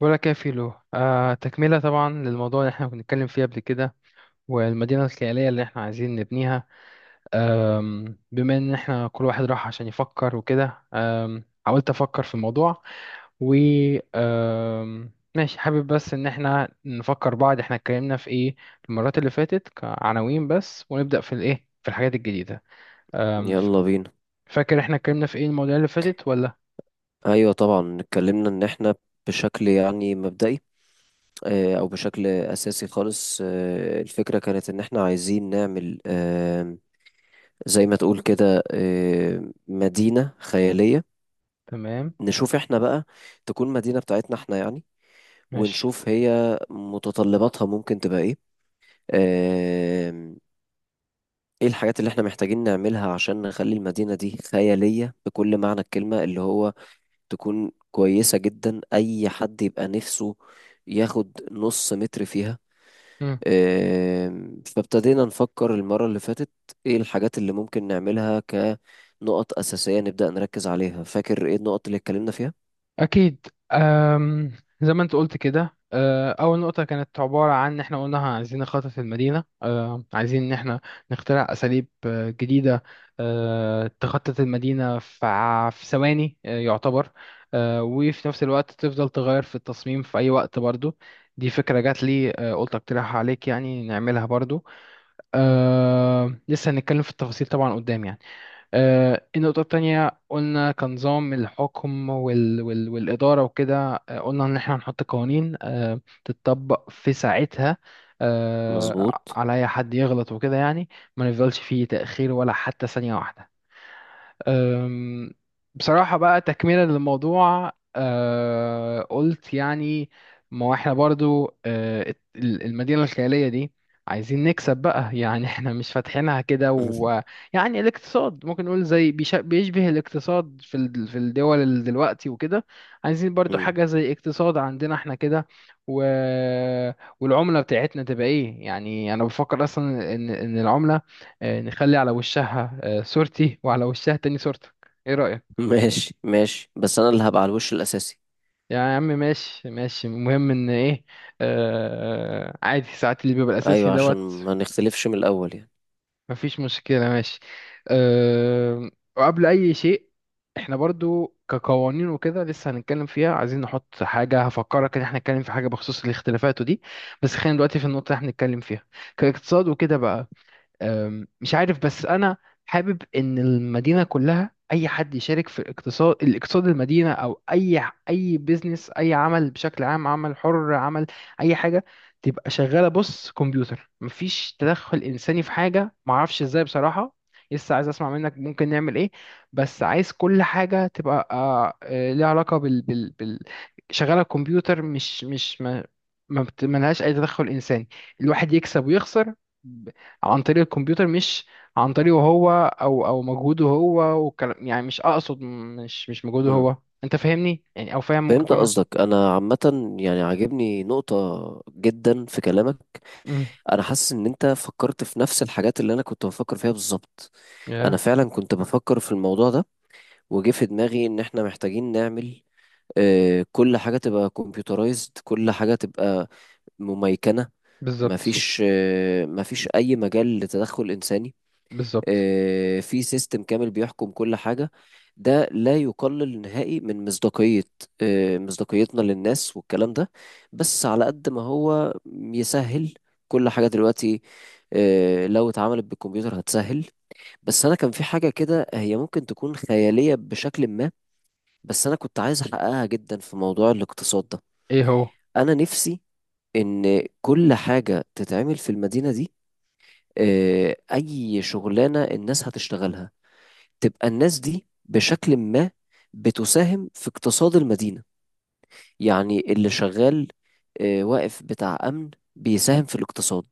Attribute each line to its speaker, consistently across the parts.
Speaker 1: بقولك يا فيلو، تكملة طبعا للموضوع اللي احنا كنا بنتكلم فيه قبل كده. والمدينة الخيالية اللي احنا عايزين نبنيها. بما ان احنا كل واحد راح عشان يفكر وكده، حاولت افكر في الموضوع و ماشي، حابب بس ان احنا نفكر بعض احنا اتكلمنا في ايه المرات اللي فاتت كعناوين بس، ونبدأ في الايه في الحاجات الجديدة. آم، ف-
Speaker 2: يلا بينا.
Speaker 1: فاكر احنا اتكلمنا في ايه المواضيع اللي فاتت ولا؟
Speaker 2: ايوه طبعا اتكلمنا ان احنا بشكل يعني مبدئي، او بشكل اساسي خالص، الفكره كانت ان احنا عايزين نعمل، زي ما تقول كده، مدينه خياليه.
Speaker 1: تمام.
Speaker 2: نشوف احنا بقى تكون مدينه بتاعتنا احنا يعني،
Speaker 1: ماشي.
Speaker 2: ونشوف هي متطلباتها ممكن تبقى ايه. آه، ايه الحاجات اللي احنا محتاجين نعملها عشان نخلي المدينه دي خياليه بكل معنى الكلمه، اللي هو تكون كويسة جدا، أي حد يبقى نفسه ياخد نص متر فيها. فابتدينا نفكر المرة اللي فاتت إيه الحاجات اللي ممكن نعملها كنقط أساسية نبدأ نركز عليها. فاكر إيه النقط اللي اتكلمنا فيها؟
Speaker 1: أكيد. أم زي ما أنت قلت كده، أول نقطة كانت عبارة عن إن إحنا قلنا عايزين نخطط المدينة. عايزين إن إحنا نخترع أساليب جديدة. تخطط المدينة في في ثواني، يعتبر. وفي نفس الوقت تفضل تغير في التصميم في أي وقت برضو. دي فكرة جات لي، قلت أقترحها عليك يعني نعملها برضو. لسه هنتكلم في التفاصيل طبعا قدام يعني. النقطة التانية قلنا كنظام الحكم وال وال والإدارة وكده. قلنا إن إحنا هنحط قوانين تتطبق في ساعتها،
Speaker 2: مظبوط.
Speaker 1: على أي حد يغلط وكده يعني. ما نفضلش فيه تأخير ولا حتى ثانية واحدة. أم، بصراحة بقى تكملة للموضوع، قلت يعني ما هو احنا برضو، المدينة الخيالية دي عايزين نكسب بقى. يعني احنا مش فاتحينها كده، ويعني الاقتصاد ممكن نقول زي بيشبه الاقتصاد في في الدول دلوقتي وكده. عايزين برضو
Speaker 2: مم.
Speaker 1: حاجة زي اقتصاد عندنا احنا كده و... والعملة بتاعتنا تبقى ايه؟ يعني انا بفكر اصلا ان العملة نخلي على وشها صورتي وعلى وشها تاني صورتك. ايه رأيك؟
Speaker 2: ماشي ماشي، بس أنا اللي هبقى على الوش الأساسي.
Speaker 1: يا عم، ماشي، ماشي، المهم ان ايه. عادي ساعات اللي بيبقى الاساسي
Speaker 2: أيوة، عشان
Speaker 1: دوت.
Speaker 2: ما نختلفش من الأول يعني.
Speaker 1: مفيش مشكلة. ماشي. آه وقبل اي شيء، احنا برضو كقوانين وكده لسه هنتكلم فيها، عايزين نحط حاجة هفكرك ان احنا نتكلم في حاجة بخصوص الاختلافات ودي. بس خلينا دلوقتي في النقطة اللي احنا بنتكلم فيها كاقتصاد وكده بقى. مش عارف بس انا حابب ان المدينه كلها اي حد يشارك في الاقتصاد المدينه، او اي اي بيزنس اي عمل بشكل عام، عمل حر، عمل اي حاجه، تبقى شغاله بص كمبيوتر، مفيش تدخل انساني في حاجه، معرفش ازاي بصراحه. لسه عايز اسمع منك ممكن نعمل ايه. بس عايز كل حاجه تبقى ليها علاقه بال شغاله كمبيوتر. مش مش ما لهاش اي تدخل انساني. الواحد يكسب ويخسر عن طريق الكمبيوتر، مش عن طريقه هو او مجهوده هو. والكلام، يعني مش اقصد مش مش مجهوده
Speaker 2: مم.
Speaker 1: هو. انت فاهمني يعني، او فاهم ممكن
Speaker 2: فهمت
Speaker 1: اكون.
Speaker 2: قصدك. أنا عامة يعني عاجبني نقطة جدا في كلامك.
Speaker 1: امم.
Speaker 2: انا حاسس ان انت فكرت في نفس الحاجات اللي انا كنت بفكر فيها بالظبط. انا
Speaker 1: يا.
Speaker 2: فعلا كنت بفكر في الموضوع ده، وجه في دماغي ان احنا محتاجين نعمل، كل حاجة تبقى كمبيوترايزد، كل حاجة تبقى مميكنة.
Speaker 1: بالظبط،
Speaker 2: مفيش اي مجال لتدخل انساني.
Speaker 1: بالظبط.
Speaker 2: في سيستم كامل بيحكم كل حاجة. ده لا يقلل نهائي من مصداقية، مصداقيتنا للناس والكلام ده. بس على قد ما هو يسهل كل حاجة دلوقتي، لو اتعملت بالكمبيوتر هتسهل. بس أنا كان في حاجة كده هي ممكن تكون خيالية بشكل ما، بس أنا كنت عايز أحققها جدا في موضوع الاقتصاد ده.
Speaker 1: ايه هو؟
Speaker 2: أنا نفسي إن كل حاجة تتعمل في المدينة دي، أي شغلانة الناس هتشتغلها تبقى الناس دي بشكل ما بتساهم في اقتصاد المدينة. يعني اللي شغال، واقف بتاع أمن، بيساهم في الاقتصاد.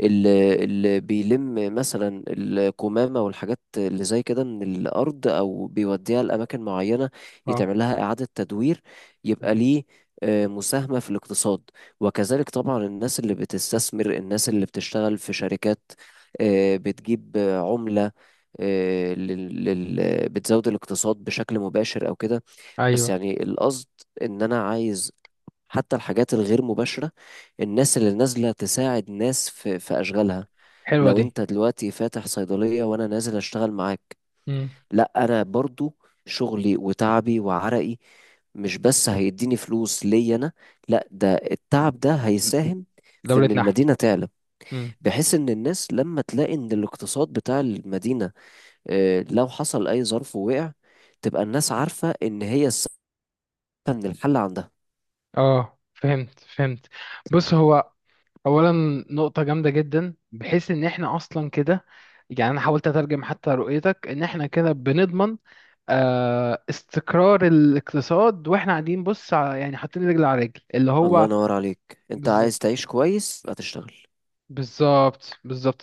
Speaker 2: اللي بيلم مثلا الكمامة والحاجات اللي زي كده من الأرض أو بيوديها لأماكن معينة
Speaker 1: اه.
Speaker 2: يتعمل لها إعادة تدوير، يبقى ليه مساهمة في الاقتصاد. وكذلك طبعا الناس اللي بتستثمر، الناس اللي بتشتغل في شركات بتجيب عملة، بتزود الاقتصاد بشكل مباشر أو كده. بس
Speaker 1: ايوه.
Speaker 2: يعني القصد ان انا عايز حتى الحاجات الغير مباشرة، الناس اللي نازلة تساعد ناس في اشغالها.
Speaker 1: حلوه
Speaker 2: لو
Speaker 1: دي.
Speaker 2: انت دلوقتي فاتح صيدلية وانا نازل اشتغل معاك،
Speaker 1: امم.
Speaker 2: لا انا برضو شغلي وتعبي وعرقي مش بس هيديني فلوس ليا انا، لا ده التعب ده هيساهم في ان
Speaker 1: دولتنا احنا.
Speaker 2: المدينة تعلى.
Speaker 1: امم.
Speaker 2: بحيث ان الناس لما تلاقي ان الاقتصاد بتاع المدينة، لو حصل اي ظرف ووقع، تبقى الناس عارفة ان هي السبب ان الحل عندها.
Speaker 1: اه، فهمت، فهمت. بص هو، اولا، نقطه جامده جدا بحيث ان احنا اصلا كده. يعني انا حاولت اترجم حتى رؤيتك ان احنا كده بنضمن استقرار الاقتصاد، واحنا قاعدين بص يعني حاطين رجل على رجل اللي
Speaker 2: الله
Speaker 1: هو.
Speaker 2: ينور عليك. انت عايز
Speaker 1: بالظبط،
Speaker 2: تعيش كويس يبقى تشتغل.
Speaker 1: بالظبط، بالظبط.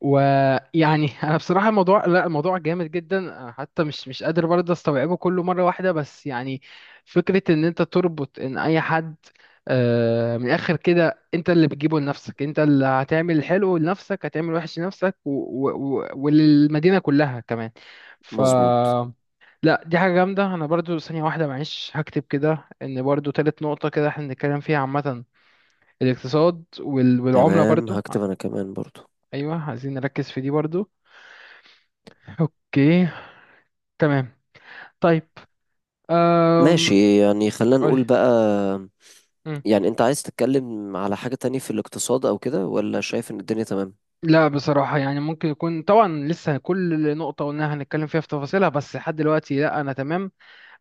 Speaker 1: ويعني انا بصراحه، الموضوع لا، الموضوع جامد جدا، أنا حتى مش قادر برضه استوعبه كله مره واحده، بس يعني فكره ان انت تربط ان اي حد من الاخر كده، انت اللي بتجيبه لنفسك، انت اللي هتعمل حلو لنفسك، هتعمل وحش لنفسك، و- و- و- وللمدينه كلها كمان. ف
Speaker 2: مظبوط.
Speaker 1: لا، دي حاجة جامدة. أنا برضو ثانية واحدة معلش هكتب كده إن برضو تالت نقطة كده احنا بنتكلم فيها عامة، الاقتصاد وال... والعملة
Speaker 2: تمام،
Speaker 1: برضو.
Speaker 2: هكتب انا كمان برضو.
Speaker 1: أيوة، عايزين نركز في دي برضو. أوكي. تمام. طيب. أم...
Speaker 2: ماشي يعني خلينا
Speaker 1: قولي.
Speaker 2: نقول بقى.
Speaker 1: مم.
Speaker 2: يعني انت عايز تتكلم على حاجة تانية في الاقتصاد او كده، ولا شايف ان الدنيا تمام؟
Speaker 1: لا بصراحة يعني ممكن يكون طبعا لسه كل نقطة قلناها هنتكلم فيها في تفاصيلها، بس لحد دلوقتي لا، أنا تمام.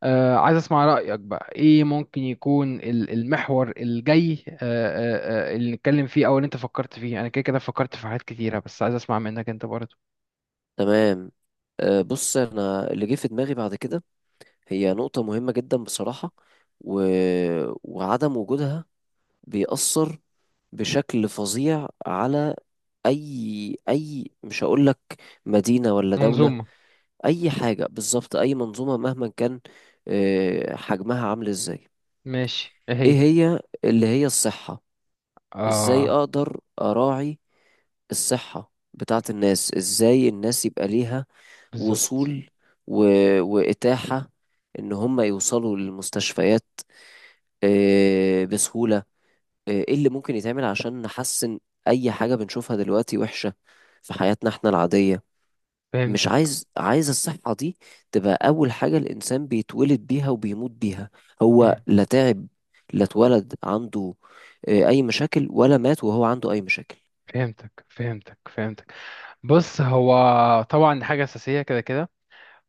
Speaker 1: عايز اسمع رأيك بقى ايه ممكن يكون المحور الجاي، اللي نتكلم فيه او اللي انت فكرت فيه. انا كده كده فكرت في حاجات كتيرة، بس عايز اسمع منك انت برضه.
Speaker 2: تمام. أه بص انا اللي جه في دماغي بعد كده هي نقطة مهمة جدا بصراحة، و... وعدم وجودها بيأثر بشكل فظيع على اي مش هقول لك مدينة ولا دولة،
Speaker 1: منظومة.
Speaker 2: اي حاجة بالظبط، اي منظومة مهما كان حجمها عامل ازاي.
Speaker 1: ماشي. ايه
Speaker 2: ايه
Speaker 1: هي؟
Speaker 2: هي؟ اللي هي الصحة. ازاي
Speaker 1: اه.
Speaker 2: اقدر اراعي الصحة بتاعت الناس. ازاي الناس يبقى ليها
Speaker 1: بالظبط.
Speaker 2: وصول و... واتاحة ان هم يوصلوا للمستشفيات بسهولة. ايه اللي ممكن يتعمل عشان نحسن اي حاجة بنشوفها دلوقتي وحشة في حياتنا احنا العادية. مش
Speaker 1: فهمتك.
Speaker 2: عايز عايز الصحة دي تبقى أول حاجة الإنسان بيتولد بيها وبيموت بيها. هو
Speaker 1: مم.
Speaker 2: لا تعب، لا اتولد عنده أي مشاكل، ولا مات وهو عنده أي مشاكل.
Speaker 1: فهمتك، فهمتك، فهمتك. بص هو، طبعا دي حاجة أساسية كده كده.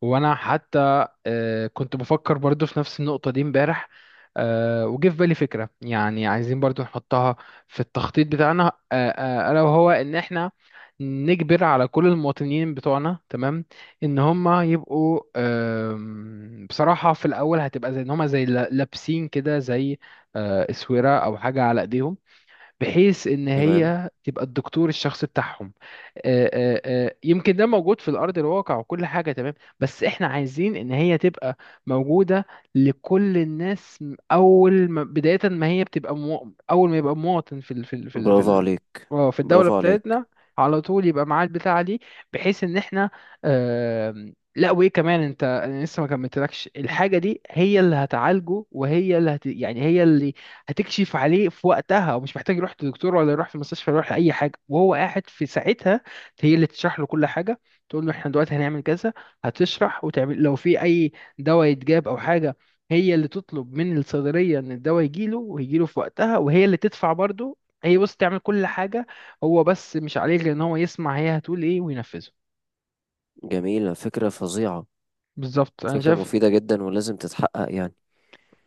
Speaker 1: وانا حتى كنت بفكر برضو في نفس النقطة دي امبارح. وجه في بالي فكرة، يعني عايزين برضو نحطها في التخطيط بتاعنا، الا وهو ان احنا نجبر على كل المواطنين بتوعنا، تمام، ان هم يبقوا. بصراحة في الاول هتبقى زي ان هم زي لابسين كده زي اسورة او حاجة على ايديهم، بحيث ان
Speaker 2: تمام.
Speaker 1: هي تبقى الدكتور الشخصي بتاعهم. يمكن ده موجود في الارض الواقع وكل حاجه تمام، بس احنا عايزين ان هي تبقى موجوده لكل الناس اول ما بدايه ما هي بتبقى، اول ما يبقى مواطن في ال في ال في ال في
Speaker 2: برافو
Speaker 1: ال
Speaker 2: عليك.
Speaker 1: في الدوله
Speaker 2: برافو عليك.
Speaker 1: بتاعتنا، على طول يبقى معاه البتاعه دي، بحيث ان احنا لا وايه كمان انت، انا لسه ما كملتلكش الحاجه دي. هي اللي هتعالجه وهي اللي يعني هي اللي هتكشف عليه في وقتها، ومش محتاج يروح لدكتور ولا يروح في المستشفى ولا يروح لأي حاجة، وهو قاعد في ساعتها هي اللي تشرح له كل حاجة، تقول له احنا دلوقتي هنعمل كذا. هتشرح وتعمل لو في أي دواء يتجاب أو حاجة، هي اللي تطلب من الصيدلية إن الدواء يجيله، ويجيله في وقتها، وهي اللي تدفع برضه. هي بص تعمل كل حاجة، هو بس مش عليه غير إن هو يسمع هي هتقول إيه وينفذه.
Speaker 2: جميلة، فكرة فظيعة.
Speaker 1: بالظبط، أنا
Speaker 2: فكرة
Speaker 1: شايف.
Speaker 2: مفيدة جدا ولازم تتحقق يعني.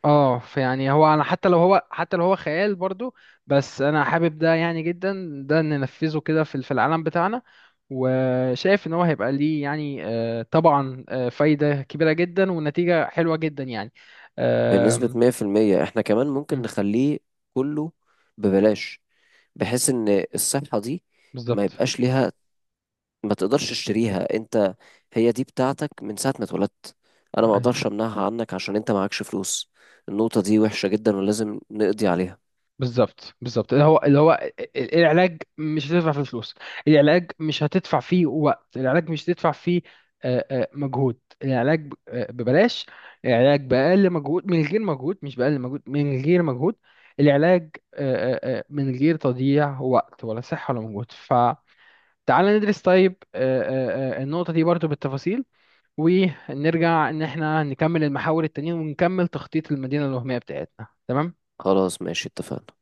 Speaker 1: اه فيعني هو، انا حتى لو هو خيال برضو، بس انا حابب ده يعني جدا ده ننفذه كده في العالم بتاعنا. وشايف ان هو هيبقى ليه يعني، طبعا فايدة كبيرة جدا ونتيجة حلوة جدا يعني.
Speaker 2: بنسبة
Speaker 1: آم،
Speaker 2: 100% احنا كمان ممكن
Speaker 1: مم،
Speaker 2: نخليه كله ببلاش، بحيث إن الصحة دي ما
Speaker 1: بالظبط.
Speaker 2: يبقاش ليها، ما تقدرش تشتريها انت. هي دي بتاعتك من ساعة ما اتولدت، انا ما
Speaker 1: أيوة.
Speaker 2: اقدرش امنعها عنك عشان انت معكش فلوس. النقطة دي وحشة جدا ولازم نقضي عليها.
Speaker 1: بالظبط، بالظبط. اللي هو العلاج مش هتدفع فيه فلوس، العلاج مش هتدفع فيه وقت، العلاج مش هتدفع فيه مجهود. العلاج ببلاش. العلاج بأقل مجهود من غير مجهود، مش بأقل مجهود من غير مجهود. العلاج من غير تضييع وقت ولا صحة ولا مجهود. فتعال ندرس، طيب، النقطة دي برضو بالتفاصيل، ونرجع ان احنا نكمل المحاور التانية، ونكمل تخطيط المدينة الوهمية بتاعتنا، تمام.
Speaker 2: خلاص ماشي، اتفقنا.